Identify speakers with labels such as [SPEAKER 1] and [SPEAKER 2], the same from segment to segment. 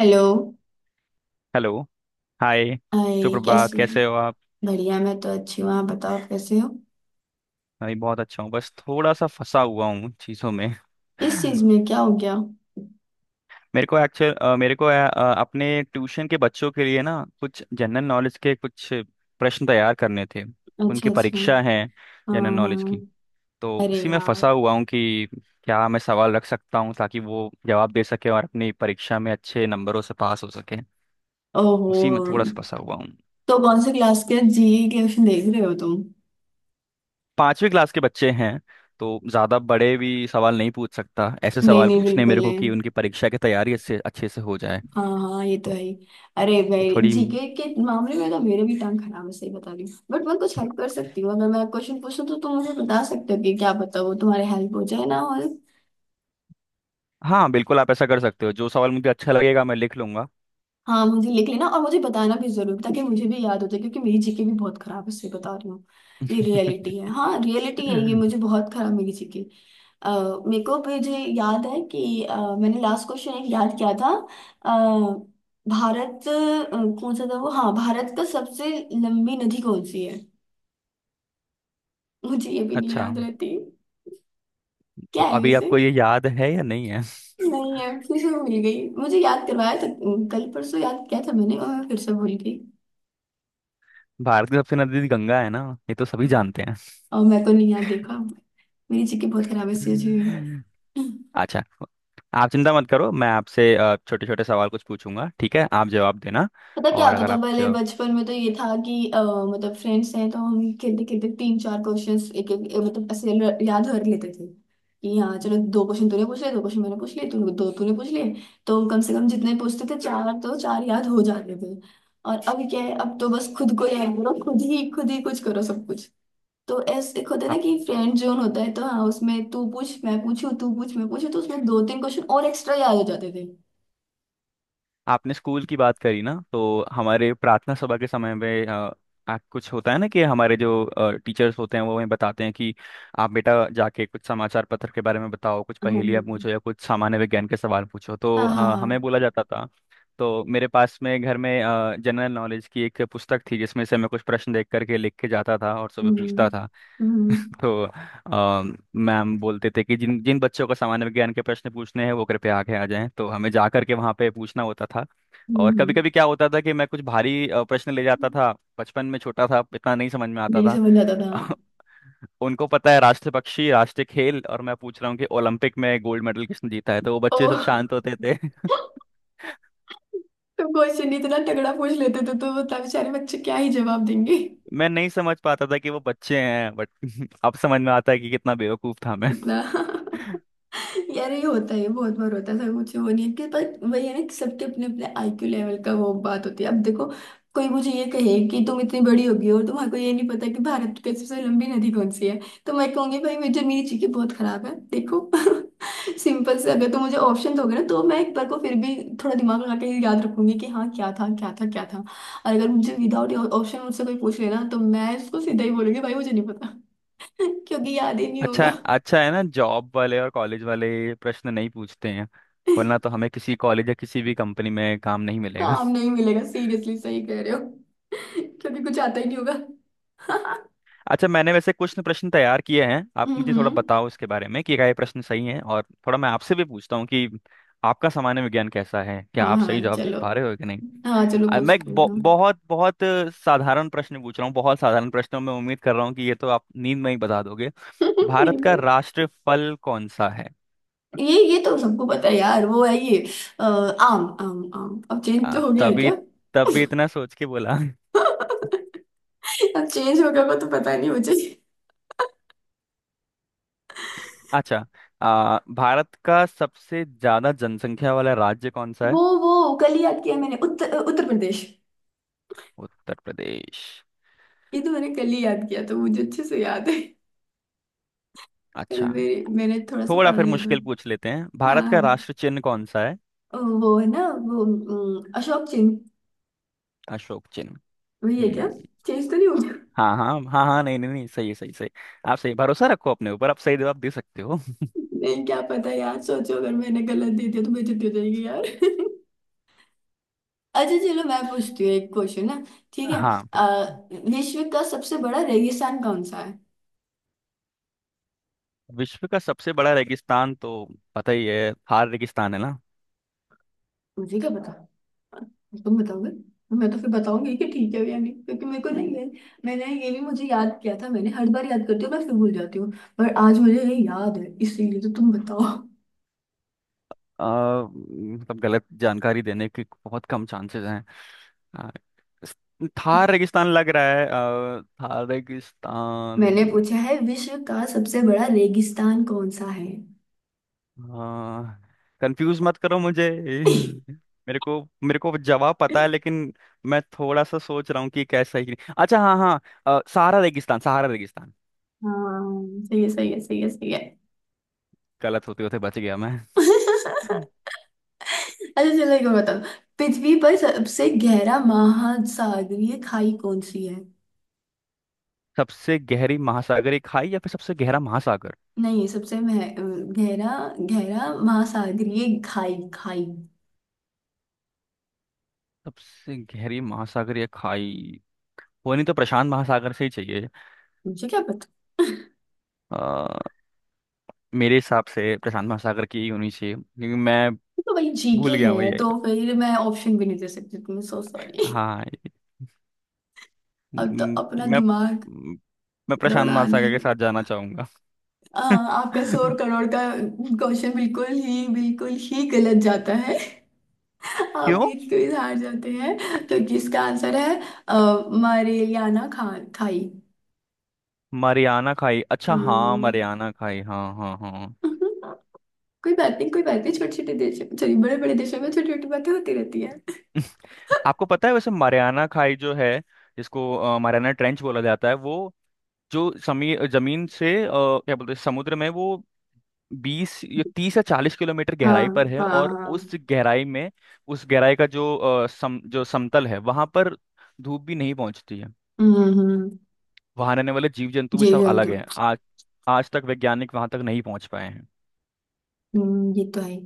[SPEAKER 1] Hello.
[SPEAKER 2] Hello. Hi.
[SPEAKER 1] आई
[SPEAKER 2] सुप्रभात,
[SPEAKER 1] कैसे हैं?
[SPEAKER 2] कैसे हो आप?
[SPEAKER 1] बढ़िया, मैं तो अच्छी हूँ, आप बताओ कैसे हो।
[SPEAKER 2] मैं भी बहुत अच्छा हूँ, बस थोड़ा सा फंसा हुआ हूँ चीज़ों में।
[SPEAKER 1] किस चीज में क्या हो गया?
[SPEAKER 2] मेरे को अपने ट्यूशन के बच्चों के लिए ना कुछ जनरल नॉलेज के कुछ प्रश्न तैयार करने थे।
[SPEAKER 1] अच्छा
[SPEAKER 2] उनकी
[SPEAKER 1] अच्छा।
[SPEAKER 2] परीक्षा है
[SPEAKER 1] हाँ
[SPEAKER 2] जनरल नॉलेज
[SPEAKER 1] हाँ।
[SPEAKER 2] की। तो
[SPEAKER 1] अरे
[SPEAKER 2] उसी में
[SPEAKER 1] यार।
[SPEAKER 2] फंसा हुआ हूँ कि क्या मैं सवाल रख सकता हूँ, ताकि वो जवाब दे सके और अपनी परीक्षा में अच्छे नंबरों से पास हो सके।
[SPEAKER 1] ओहो,
[SPEAKER 2] उसी में थोड़ा सा फंसा हुआ।
[SPEAKER 1] तो कौन से क्लास के जी क्वेश्चन देख रहे हो तुम?
[SPEAKER 2] पांचवी क्लास के बच्चे हैं, तो ज़्यादा बड़े भी सवाल नहीं पूछ सकता, ऐसे
[SPEAKER 1] नहीं
[SPEAKER 2] सवाल
[SPEAKER 1] नहीं,
[SPEAKER 2] पूछने
[SPEAKER 1] बिल्कुल
[SPEAKER 2] मेरे को कि
[SPEAKER 1] नहीं।
[SPEAKER 2] उनकी परीक्षा की तैयारी अच्छे अच्छे से हो जाए।
[SPEAKER 1] हाँ हाँ, ये तो है
[SPEAKER 2] तो,
[SPEAKER 1] ही। अरे
[SPEAKER 2] तो
[SPEAKER 1] भाई,
[SPEAKER 2] थोड़ी
[SPEAKER 1] जीके के मामले में तो मेरे भी टांग खराब है, सही बता रही हूँ, बट मैं कुछ हेल्प कर सकती हूँ। अगर मैं क्वेश्चन पूछूं तो तुम मुझे बता सकते हो कि क्या पता वो तुम्हारे हेल्प हो जाए ना। और
[SPEAKER 2] हाँ, बिल्कुल आप ऐसा कर सकते हो, जो सवाल मुझे अच्छा लगेगा मैं लिख लूंगा।
[SPEAKER 1] हाँ, मुझे लिख लेना और मुझे बताना भी जरूर, ताकि मुझे भी याद हो जाए, क्योंकि मेरी जीके भी बहुत खराब है, इसलिए बता रही हूँ। ये रियलिटी है, हाँ रियलिटी है ये, मुझे बहुत खराब मेरी जीके। मेरे को मुझे याद है कि मैंने लास्ट क्वेश्चन एक याद किया था। अह, भारत कौन सा था वो, हाँ, भारत का सबसे लंबी नदी कौन सी है? मुझे ये भी नहीं
[SPEAKER 2] अच्छा,
[SPEAKER 1] याद रहती। क्या
[SPEAKER 2] तो
[SPEAKER 1] है
[SPEAKER 2] अभी
[SPEAKER 1] वैसे?
[SPEAKER 2] आपको ये याद है या नहीं है?
[SPEAKER 1] नहीं है। फिर से भूल गई, मुझे याद करवाया था कल परसों, याद किया था मैंने और मैं फिर से भूल गई।
[SPEAKER 2] भारत की सबसे नदी गंगा है ना, ये तो सभी जानते हैं।
[SPEAKER 1] और मैं तो नहीं यार देखा, मेरी जीके बहुत खराब स्थिति हुई है, सीरियसली।
[SPEAKER 2] अच्छा, आप चिंता मत करो, मैं आपसे छोटे छोटे सवाल कुछ पूछूंगा, ठीक है? आप जवाब देना।
[SPEAKER 1] पता क्या
[SPEAKER 2] और
[SPEAKER 1] होता
[SPEAKER 2] अगर
[SPEAKER 1] था
[SPEAKER 2] आप
[SPEAKER 1] पहले
[SPEAKER 2] जो,
[SPEAKER 1] बचपन में, तो ये था कि मतलब फ्रेंड्स हैं, तो हम खेलते खेलते तीन चार क्वेश्चंस एक एक मतलब ऐसे याद कर लेते थे कि हाँ चलो, दो क्वेश्चन तूने पूछ लिए, दो क्वेश्चन मैंने पूछ लिए, तूने दो तूने पूछ लिए, तो कम से कम जितने पूछते थे चार, तो चार याद हो जाते थे। और अब क्या है, अब तो बस खुद को याद करो, खुद ही कुछ करो सब कुछ। तो ऐसे एक होता है ना
[SPEAKER 2] आप
[SPEAKER 1] कि फ्रेंड जोन होता है, तो हाँ उसमें तू पूछ मैं पूछू, तू पूछ मैं पूछू, तो उसमें दो तीन क्वेश्चन और एक्स्ट्रा याद हो जाते थे।
[SPEAKER 2] आपने स्कूल की बात करी ना, तो हमारे प्रार्थना सभा के समय में कुछ होता है ना कि हमारे जो टीचर्स होते हैं वो हमें बताते हैं कि आप बेटा जाके कुछ समाचार पत्र के बारे में बताओ, कुछ पहेलियाँ
[SPEAKER 1] हाँ
[SPEAKER 2] पूछो या कुछ सामान्य विज्ञान के सवाल पूछो।
[SPEAKER 1] हाँ
[SPEAKER 2] तो
[SPEAKER 1] हाँ हाँ
[SPEAKER 2] हमें
[SPEAKER 1] हाँ।
[SPEAKER 2] बोला जाता था। तो मेरे पास में घर में जनरल नॉलेज की एक पुस्तक थी, जिसमें से मैं कुछ प्रश्न देख करके लिख के जाता था और सुबह
[SPEAKER 1] हम्म
[SPEAKER 2] पूछता था।
[SPEAKER 1] हम्म।
[SPEAKER 2] तो मैम बोलते थे कि जिन जिन बच्चों को सामान्य विज्ञान के प्रश्न पूछने हैं वो कृपया आगे आ जाएं, तो हमें जा करके वहाँ पे पूछना होता था। और कभी
[SPEAKER 1] हम्म,
[SPEAKER 2] कभी क्या होता था कि मैं कुछ भारी प्रश्न ले जाता था। बचपन में छोटा था, इतना नहीं समझ में आता
[SPEAKER 1] नहीं
[SPEAKER 2] था।
[SPEAKER 1] समझ आता था।
[SPEAKER 2] उनको पता है राष्ट्र पक्षी, राष्ट्रीय खेल, और मैं पूछ रहा हूँ कि ओलंपिक में गोल्ड मेडल किसने जीता है, तो वो
[SPEAKER 1] ओ,
[SPEAKER 2] बच्चे सब शांत होते थे।
[SPEAKER 1] तुम क्वेश्चन इतना तगड़ा पूछ लेते थे, तो बता बेचारे बच्चे क्या ही जवाब देंगे।
[SPEAKER 2] मैं नहीं समझ पाता था कि वो बच्चे हैं, बट अब समझ में आता है कि कितना बेवकूफ था मैं।
[SPEAKER 1] इतना। यार, ये होता है, ये बहुत बार होता है सर, मुझे वो नहीं है कि, पर वही है ना कि सबके अपने अपने आईक्यू लेवल का वो बात होती है। अब देखो, कोई मुझे ये कहे कि तुम इतनी बड़ी होगी और तुम्हारे को ये नहीं पता कि भारत की सबसे लंबी नदी कौन सी है, तो मैं कहूंगी भाई मुझे मेरी चीजें बहुत खराब है, देखो। सिंपल से अगर तुम मुझे ऑप्शन दोगे ना, तो मैं एक बार को फिर भी थोड़ा दिमाग लगा के याद रखूंगी कि हाँ क्या था क्या था क्या था। और अगर मुझे विदाउट ऑप्शन मुझसे कोई पूछ लेना, तो मैं उसको सीधा ही बोलूंगी भाई, मुझे नहीं पता। क्योंकि याद ही नहीं
[SPEAKER 2] अच्छा,
[SPEAKER 1] होगा।
[SPEAKER 2] अच्छा है ना जॉब वाले और कॉलेज वाले ये प्रश्न नहीं पूछते हैं, वरना तो हमें किसी कॉलेज या किसी भी कंपनी में काम नहीं मिलेगा।
[SPEAKER 1] काम नहीं मिलेगा, सीरियसली सही कह रहे हो। क्योंकि कुछ आता ही नहीं होगा।
[SPEAKER 2] अच्छा, मैंने वैसे कुछ न प्रश्न तैयार किए हैं, आप मुझे थोड़ा
[SPEAKER 1] हम्म।
[SPEAKER 2] बताओ इसके बारे में कि क्या ये प्रश्न सही है। और थोड़ा मैं आपसे भी पूछता हूँ कि आपका सामान्य विज्ञान कैसा है, क्या
[SPEAKER 1] हाँ
[SPEAKER 2] आप
[SPEAKER 1] हाँ
[SPEAKER 2] सही जवाब दे
[SPEAKER 1] चलो।
[SPEAKER 2] पा रहे हो कि नहीं।
[SPEAKER 1] हाँ चलो पूछ
[SPEAKER 2] मैं एक
[SPEAKER 1] पूछो।
[SPEAKER 2] बहुत बहुत साधारण प्रश्न पूछ रहा हूँ, बहुत साधारण प्रश्नों में उम्मीद कर रहा हूँ कि ये तो आप नींद में ही बता दोगे। भारत का
[SPEAKER 1] नींदर।
[SPEAKER 2] राष्ट्रीय फल कौन सा है?
[SPEAKER 1] ये तो सबको पता है यार, वो है ये, आम आम आम। अब चेंज
[SPEAKER 2] आ,
[SPEAKER 1] तो हो गया है
[SPEAKER 2] तभी
[SPEAKER 1] क्या?
[SPEAKER 2] तभी इतना सोच के बोला।
[SPEAKER 1] अब चेंज हो गया वो तो पता नहीं मुझे।
[SPEAKER 2] अच्छा, भारत का सबसे ज्यादा जनसंख्या वाला राज्य कौन सा
[SPEAKER 1] वो
[SPEAKER 2] है?
[SPEAKER 1] वो कल ही याद किया मैंने, उत्तर उत्तर प्रदेश।
[SPEAKER 2] उत्तर प्रदेश।
[SPEAKER 1] ये तो मैंने कल ही याद किया, तो मुझे अच्छे से याद है। कल
[SPEAKER 2] अच्छा,
[SPEAKER 1] मेरे मैंने थोड़ा सा
[SPEAKER 2] थोड़ा
[SPEAKER 1] पढ़
[SPEAKER 2] फिर
[SPEAKER 1] लिया था।
[SPEAKER 2] मुश्किल पूछ लेते हैं,
[SPEAKER 1] हाँ
[SPEAKER 2] भारत का
[SPEAKER 1] हाँ।
[SPEAKER 2] राष्ट्र चिन्ह कौन सा है?
[SPEAKER 1] वो है ना वो, अशोक चेन।
[SPEAKER 2] अशोक चिन्ह।
[SPEAKER 1] वही है क्या?
[SPEAKER 2] हम्म,
[SPEAKER 1] चेंज तो नहीं हो।
[SPEAKER 2] हाँ हाँ हाँ हाँ, नहीं नहीं नहीं, सही है, सही सही। आप सही भरोसा रखो अपने ऊपर, आप सही जवाब दे सकते हो।
[SPEAKER 1] मैं क्या पता यार, सोचो अगर मैंने गलत दे दिया तो बेइज्जती हो जाएगी यार। अच्छा चलो, मैं पूछती हूँ एक क्वेश्चन ना। ठीक है।
[SPEAKER 2] हाँ तो
[SPEAKER 1] अ, विश्व का सबसे बड़ा रेगिस्तान कौन सा है?
[SPEAKER 2] विश्व का सबसे बड़ा रेगिस्तान तो पता ही है, थार रेगिस्तान है ना।
[SPEAKER 1] मुझे क्या पता, तुम बताओगे, मैं तो फिर बताऊंगी कि ठीक है या नहीं, क्योंकि मेरे को नहीं है। मैंने ये भी मुझे याद किया था, मैंने हर बार याद करती हूँ, मैं फिर भूल जाती हूँ, पर आज मुझे ये याद है, इसीलिए तो तुम बताओ।
[SPEAKER 2] मतलब गलत जानकारी देने के बहुत कम चांसेस हैं। अ, इस- थार रेगिस्तान लग रहा है, थार
[SPEAKER 1] मैंने
[SPEAKER 2] रेगिस्तान।
[SPEAKER 1] पूछा है, विश्व का सबसे बड़ा रेगिस्तान कौन सा है?
[SPEAKER 2] कंफ्यूज मत करो मुझे। मेरे को जवाब पता है, लेकिन मैं थोड़ा सा सोच रहा हूँ कि कैसा ही कि नहीं। अच्छा हाँ हाँ, सहारा रेगिस्तान, सहारा रेगिस्तान।
[SPEAKER 1] हाँ सही है, सही है, सही है, सही
[SPEAKER 2] गलत होते होते बच गया मैं।
[SPEAKER 1] है। अच्छा चलो, एक और बताओ। पृथ्वी पर सबसे गहरा महासागरीय खाई कौन सी है?
[SPEAKER 2] सबसे गहरी महासागरीय खाई या फिर सबसे गहरा महासागर?
[SPEAKER 1] नहीं, सबसे गहरा, गहरा महासागरीय खाई खाई।
[SPEAKER 2] सबसे गहरी महासागरीय खाई। वो नहीं तो प्रशांत महासागर से ही चाहिए।
[SPEAKER 1] मुझे क्या पता।
[SPEAKER 2] अ, मेरे हिसाब से प्रशांत महासागर की ही होनी चाहिए, क्योंकि मैं
[SPEAKER 1] तो भाई, जी के
[SPEAKER 2] भूल गया हूँ
[SPEAKER 1] है
[SPEAKER 2] ये।
[SPEAKER 1] तो फिर मैं ऑप्शन भी नहीं दे सकती तुम्हें, सो सॉरी।
[SPEAKER 2] हाँ,
[SPEAKER 1] अब तो
[SPEAKER 2] म,
[SPEAKER 1] अपना
[SPEAKER 2] मैं
[SPEAKER 1] दिमाग
[SPEAKER 2] म, मैं प्रशांत
[SPEAKER 1] दौड़ाना
[SPEAKER 2] महासागर
[SPEAKER 1] ही।
[SPEAKER 2] के साथ जाना चाहूंगा।
[SPEAKER 1] आपका 100 करोड़ का क्वेश्चन बिल्कुल ही गलत जाता है, आप
[SPEAKER 2] क्यों?
[SPEAKER 1] ये क्विज हार जाते हैं। तो इसका आंसर है अ, मरेलियाना खा खाई।
[SPEAKER 2] मरियाना खाई, अच्छा हाँ,
[SPEAKER 1] हाँ।
[SPEAKER 2] मरियाना खाई, हाँ हाँ हाँ हाँ।
[SPEAKER 1] कोई बात नहीं, कोई बात नहीं, छोटे छोटे देशों, सॉरी बड़े बड़े देशों में छोटी छोटी बातें होती रहती है।
[SPEAKER 2] आपको पता है वैसे मरियाना खाई जो है, जिसको मरियाना ट्रेंच बोला जाता है, वो जो समी जमीन से क्या बोलते हैं समुद्र में, वो 20 या 30 या 40 किलोमीटर गहराई
[SPEAKER 1] हाँ
[SPEAKER 2] पर है,
[SPEAKER 1] हाँ
[SPEAKER 2] और उस
[SPEAKER 1] हाँ।
[SPEAKER 2] गहराई में, उस गहराई का जो सम जो समतल है वहां पर, धूप भी नहीं पहुंचती है।
[SPEAKER 1] हम्म हम्म,
[SPEAKER 2] वहां रहने वाले जीव जंतु भी सब
[SPEAKER 1] जीवन
[SPEAKER 2] अलग
[SPEAKER 1] तो।
[SPEAKER 2] हैं। आज आज तक वैज्ञानिक वहां तक नहीं पहुंच पाए हैं।
[SPEAKER 1] ये तो है।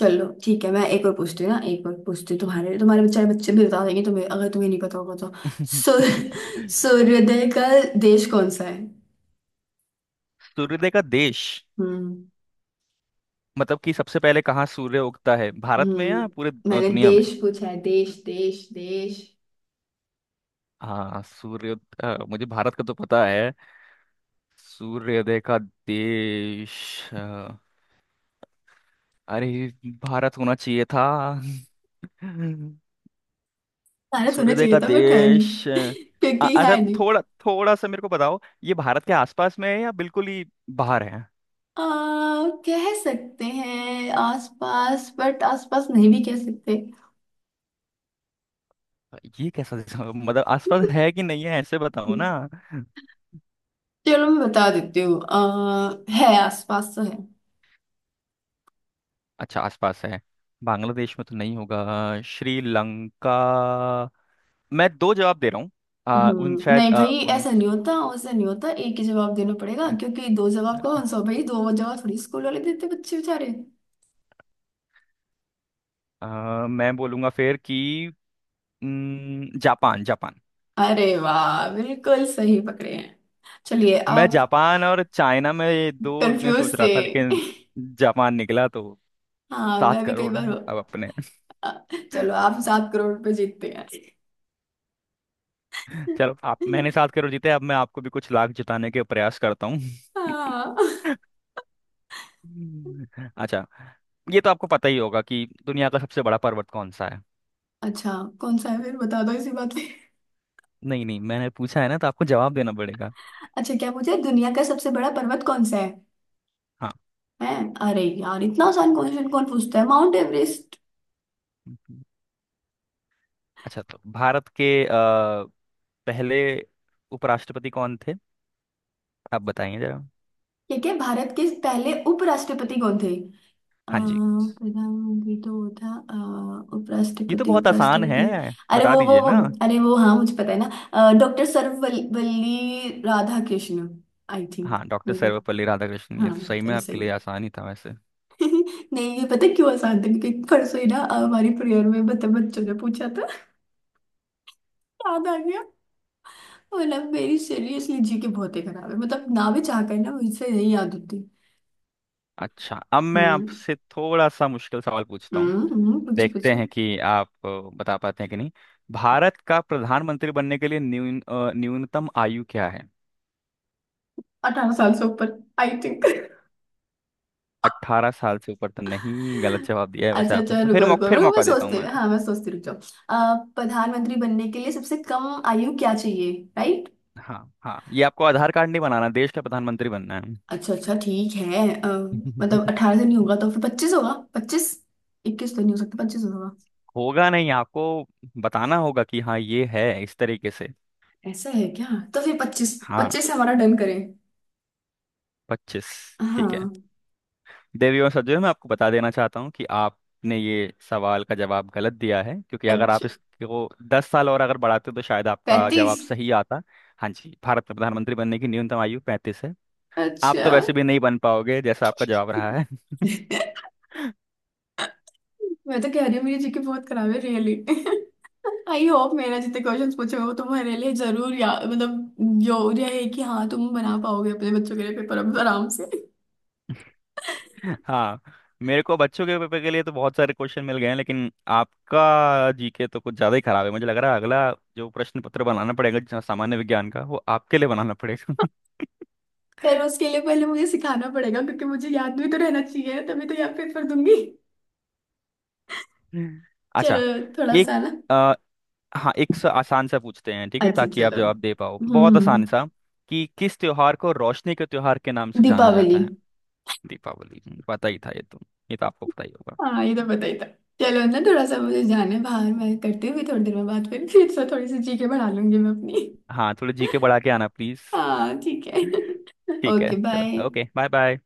[SPEAKER 1] चलो ठीक है, मैं एक और पूछती हूँ ना, एक और पूछती हूँ, तुम्हारे तुम्हारे बेचारे बच्चे भी बता देंगे तुम्हें, अगर तुम्हें नहीं पता होगा तो। सूर्य सूर्योदय का देश कौन सा है?
[SPEAKER 2] सूर्योदय का देश
[SPEAKER 1] हम्म।
[SPEAKER 2] मतलब कि सबसे पहले कहाँ सूर्य उगता है, भारत में या पूरे
[SPEAKER 1] हम्म, मैंने
[SPEAKER 2] दुनिया में?
[SPEAKER 1] देश पूछा है, देश देश देश।
[SPEAKER 2] हाँ सूर्य, मुझे भारत का तो पता है। सूर्योदय का देश, अ, अरे भारत होना चाहिए था।
[SPEAKER 1] भारत होना
[SPEAKER 2] सूर्योदय का
[SPEAKER 1] चाहिए था बट है नहीं।
[SPEAKER 2] देश
[SPEAKER 1] क्योंकि है।
[SPEAKER 2] अच्छा, थोड़ा थोड़ा सा मेरे को बताओ, ये भारत के आसपास में है या बिल्कुल ही बाहर है?
[SPEAKER 1] आ, कह सकते हैं आसपास, बट आसपास नहीं भी कह सकते।
[SPEAKER 2] ये कैसा जवाब? मतलब आसपास है कि नहीं है, ऐसे बताओ ना।
[SPEAKER 1] चलो मैं बता देती हूँ, है, आसपास तो है।
[SPEAKER 2] अच्छा आसपास है। बांग्लादेश में तो नहीं होगा, श्रीलंका। मैं दो जवाब दे रहा हूँ। आ, उन शायद
[SPEAKER 1] नहीं
[SPEAKER 2] आ,
[SPEAKER 1] भाई,
[SPEAKER 2] उन
[SPEAKER 1] ऐसा नहीं होता वैसा नहीं होता, एक ही जवाब देना पड़ेगा, क्योंकि दो जवाब कौन सा भाई, दो जवाब थोड़ी स्कूल वाले देते बच्चे बेचारे।
[SPEAKER 2] आ, मैं बोलूंगा फिर कि न, जापान, जापान।
[SPEAKER 1] अरे वाह, बिल्कुल सही पकड़े हैं। चलिए
[SPEAKER 2] मैं
[SPEAKER 1] आप।
[SPEAKER 2] जापान और चाइना में, ये दो में
[SPEAKER 1] कंफ्यूज
[SPEAKER 2] सोच रहा
[SPEAKER 1] थे।
[SPEAKER 2] था लेकिन जापान निकला तो
[SPEAKER 1] हाँ,
[SPEAKER 2] सात
[SPEAKER 1] मैं भी कई
[SPEAKER 2] करोड़
[SPEAKER 1] बार
[SPEAKER 2] अब अपने,
[SPEAKER 1] चलो आप 7 करोड़ रुपए जीतते हैं।
[SPEAKER 2] चलो आप, मैंने 7 करोड़ जीते, अब मैं आपको भी कुछ लाख जिताने के प्रयास करता हूँ।
[SPEAKER 1] हाँ।
[SPEAKER 2] अच्छा, ये तो आपको पता ही होगा कि दुनिया का सबसे बड़ा पर्वत कौन सा है?
[SPEAKER 1] अच्छा, कौन सा है फिर बता दो इसी बात पे।
[SPEAKER 2] नहीं नहीं, मैंने पूछा है ना तो आपको जवाब देना पड़ेगा।
[SPEAKER 1] अच्छा क्या पूछे, दुनिया का सबसे बड़ा पर्वत कौन सा है?
[SPEAKER 2] हाँ।
[SPEAKER 1] हैं, अरे यार, इतना आसान क्वेश्चन कौन पूछता है, माउंट एवरेस्ट।
[SPEAKER 2] अच्छा, तो भारत के पहले उपराष्ट्रपति कौन थे? आप बताइए जरा।
[SPEAKER 1] ठीक है, भारत के पहले उपराष्ट्रपति कौन थे? अ,
[SPEAKER 2] हाँ जी,
[SPEAKER 1] प्रधानमंत्री तो वो था,
[SPEAKER 2] ये तो
[SPEAKER 1] उपराष्ट्रपति
[SPEAKER 2] बहुत आसान है,
[SPEAKER 1] उपराष्ट्रपति, अरे
[SPEAKER 2] बता
[SPEAKER 1] वो वो
[SPEAKER 2] दीजिए ना।
[SPEAKER 1] वो अरे वो, हाँ, मुझे पता है ना, doctor Sarvepalli Radhakrishnan. I think.
[SPEAKER 2] हाँ, doctor
[SPEAKER 1] maybe.
[SPEAKER 2] Sarvepalli Radhakrishnan, ये तो
[SPEAKER 1] हाँ
[SPEAKER 2] सही में
[SPEAKER 1] चलो
[SPEAKER 2] आपके
[SPEAKER 1] सही
[SPEAKER 2] लिए
[SPEAKER 1] है।
[SPEAKER 2] आसान ही था वैसे।
[SPEAKER 1] नहीं, ये पता है क्यों आसान था, क्योंकि परसों ही ना, हमारी प्रेयर में बच्चों ने पूछा था, याद आ गया। मतलब मेरी सीरियसली जी के बहुत ही खराब है, मतलब ना भी चाह कर ना मुझसे नहीं याद होती।
[SPEAKER 2] अच्छा, अब मैं
[SPEAKER 1] हम्म
[SPEAKER 2] आपसे थोड़ा सा मुश्किल सवाल पूछता हूँ,
[SPEAKER 1] हम्म। पूछो
[SPEAKER 2] देखते
[SPEAKER 1] पूछो।
[SPEAKER 2] हैं कि आप बता पाते हैं कि नहीं। भारत का प्रधानमंत्री बनने के लिए न्यूनतम आयु क्या है?
[SPEAKER 1] 18 साल से ऊपर। I think.
[SPEAKER 2] 18 साल से ऊपर तो नहीं, गलत जवाब दिया है वैसे
[SPEAKER 1] अच्छा
[SPEAKER 2] आपने,
[SPEAKER 1] अच्छा,
[SPEAKER 2] तो फिर
[SPEAKER 1] रुको रुको
[SPEAKER 2] मौका, फिर
[SPEAKER 1] रुको, मैं
[SPEAKER 2] मौका देता हूँ
[SPEAKER 1] सोचते
[SPEAKER 2] मैं।
[SPEAKER 1] हाँ, मैं सोचती रुक जाओ। प्रधानमंत्री बनने के लिए सबसे कम आयु क्या चाहिए? राइट।
[SPEAKER 2] हाँ हाँ, ये आपको आधार कार्ड नहीं बनाना, देश का प्रधानमंत्री बनना है।
[SPEAKER 1] अच्छा अच्छा ठीक है, मतलब 18 से नहीं होगा तो फिर 25 होगा, पच्चीस, 21 तो नहीं हो सकता, पच्चीस होगा।
[SPEAKER 2] होगा नहीं, आपको बताना होगा कि हाँ ये है, इस तरीके से।
[SPEAKER 1] ऐसा है क्या? तो फिर पच्चीस
[SPEAKER 2] हाँ,
[SPEAKER 1] पच्चीस हमारा डन करें।
[SPEAKER 2] 25? ठीक है।
[SPEAKER 1] हाँ।
[SPEAKER 2] देवियों और सज्जनों, मैं आपको बता देना चाहता हूँ कि आपने ये सवाल का जवाब गलत दिया है, क्योंकि अगर आप
[SPEAKER 1] अच्छा,
[SPEAKER 2] इसको 10 साल और अगर बढ़ाते तो शायद आपका
[SPEAKER 1] 35।
[SPEAKER 2] जवाब सही आता। हाँ जी, भारत में प्रधानमंत्री बनने की न्यूनतम आयु 35 है। आप
[SPEAKER 1] अच्छा।
[SPEAKER 2] तो वैसे भी नहीं बन पाओगे जैसा आपका जवाब रहा है।
[SPEAKER 1] मैं तो कह रही हूँ मेरी जीके बहुत खराब है रियली। आई होप मेरा जितने क्वेश्चंस पूछे हो तुम्हारे लिए जरूर, या मतलब जरूर है कि हाँ तुम बना पाओगे अपने बच्चों के लिए पेपर अब आराम से।
[SPEAKER 2] हाँ, मेरे को बच्चों के पेपर के लिए तो बहुत सारे क्वेश्चन मिल गए हैं, लेकिन आपका जीके तो कुछ ज़्यादा ही खराब है मुझे लग रहा है। अगला जो प्रश्न पत्र बनाना पड़ेगा जो सामान्य विज्ञान का, वो आपके लिए बनाना पड़ेगा।
[SPEAKER 1] पर उसके लिए पहले मुझे सिखाना पड़ेगा, क्योंकि मुझे याद भी तो रहना चाहिए, तभी तो याद पेपर दूंगी। चलो,
[SPEAKER 2] अच्छा,
[SPEAKER 1] थोड़ा
[SPEAKER 2] एक,
[SPEAKER 1] सा ना।
[SPEAKER 2] हाँ एक सा आसान सा पूछते हैं, ठीक है,
[SPEAKER 1] अच्छा
[SPEAKER 2] ताकि आप
[SPEAKER 1] चलो।
[SPEAKER 2] जवाब दे पाओ, बहुत
[SPEAKER 1] हम्म।
[SPEAKER 2] आसान सा। कि किस त्योहार को रोशनी के त्योहार के नाम से जाना
[SPEAKER 1] दीपावली।
[SPEAKER 2] जाता है? दीपावली, पता ही था ये तो, ये तो आपको पता ही होगा।
[SPEAKER 1] हाँ ये तो पता ही था। चलो ना, थोड़ा सा मुझे जाने बाहर, मैं करती हूँ, फिर थोड़ी देर में बात, फिर से थोड़ी सी जीके बढ़ा लूंगी मैं अपनी।
[SPEAKER 2] हाँ, थोड़े जी के बढ़ा के आना प्लीज।
[SPEAKER 1] हाँ ठीक है।
[SPEAKER 2] ठीक
[SPEAKER 1] ओके
[SPEAKER 2] है,
[SPEAKER 1] बाय।
[SPEAKER 2] चलो, ओके, बाय बाय।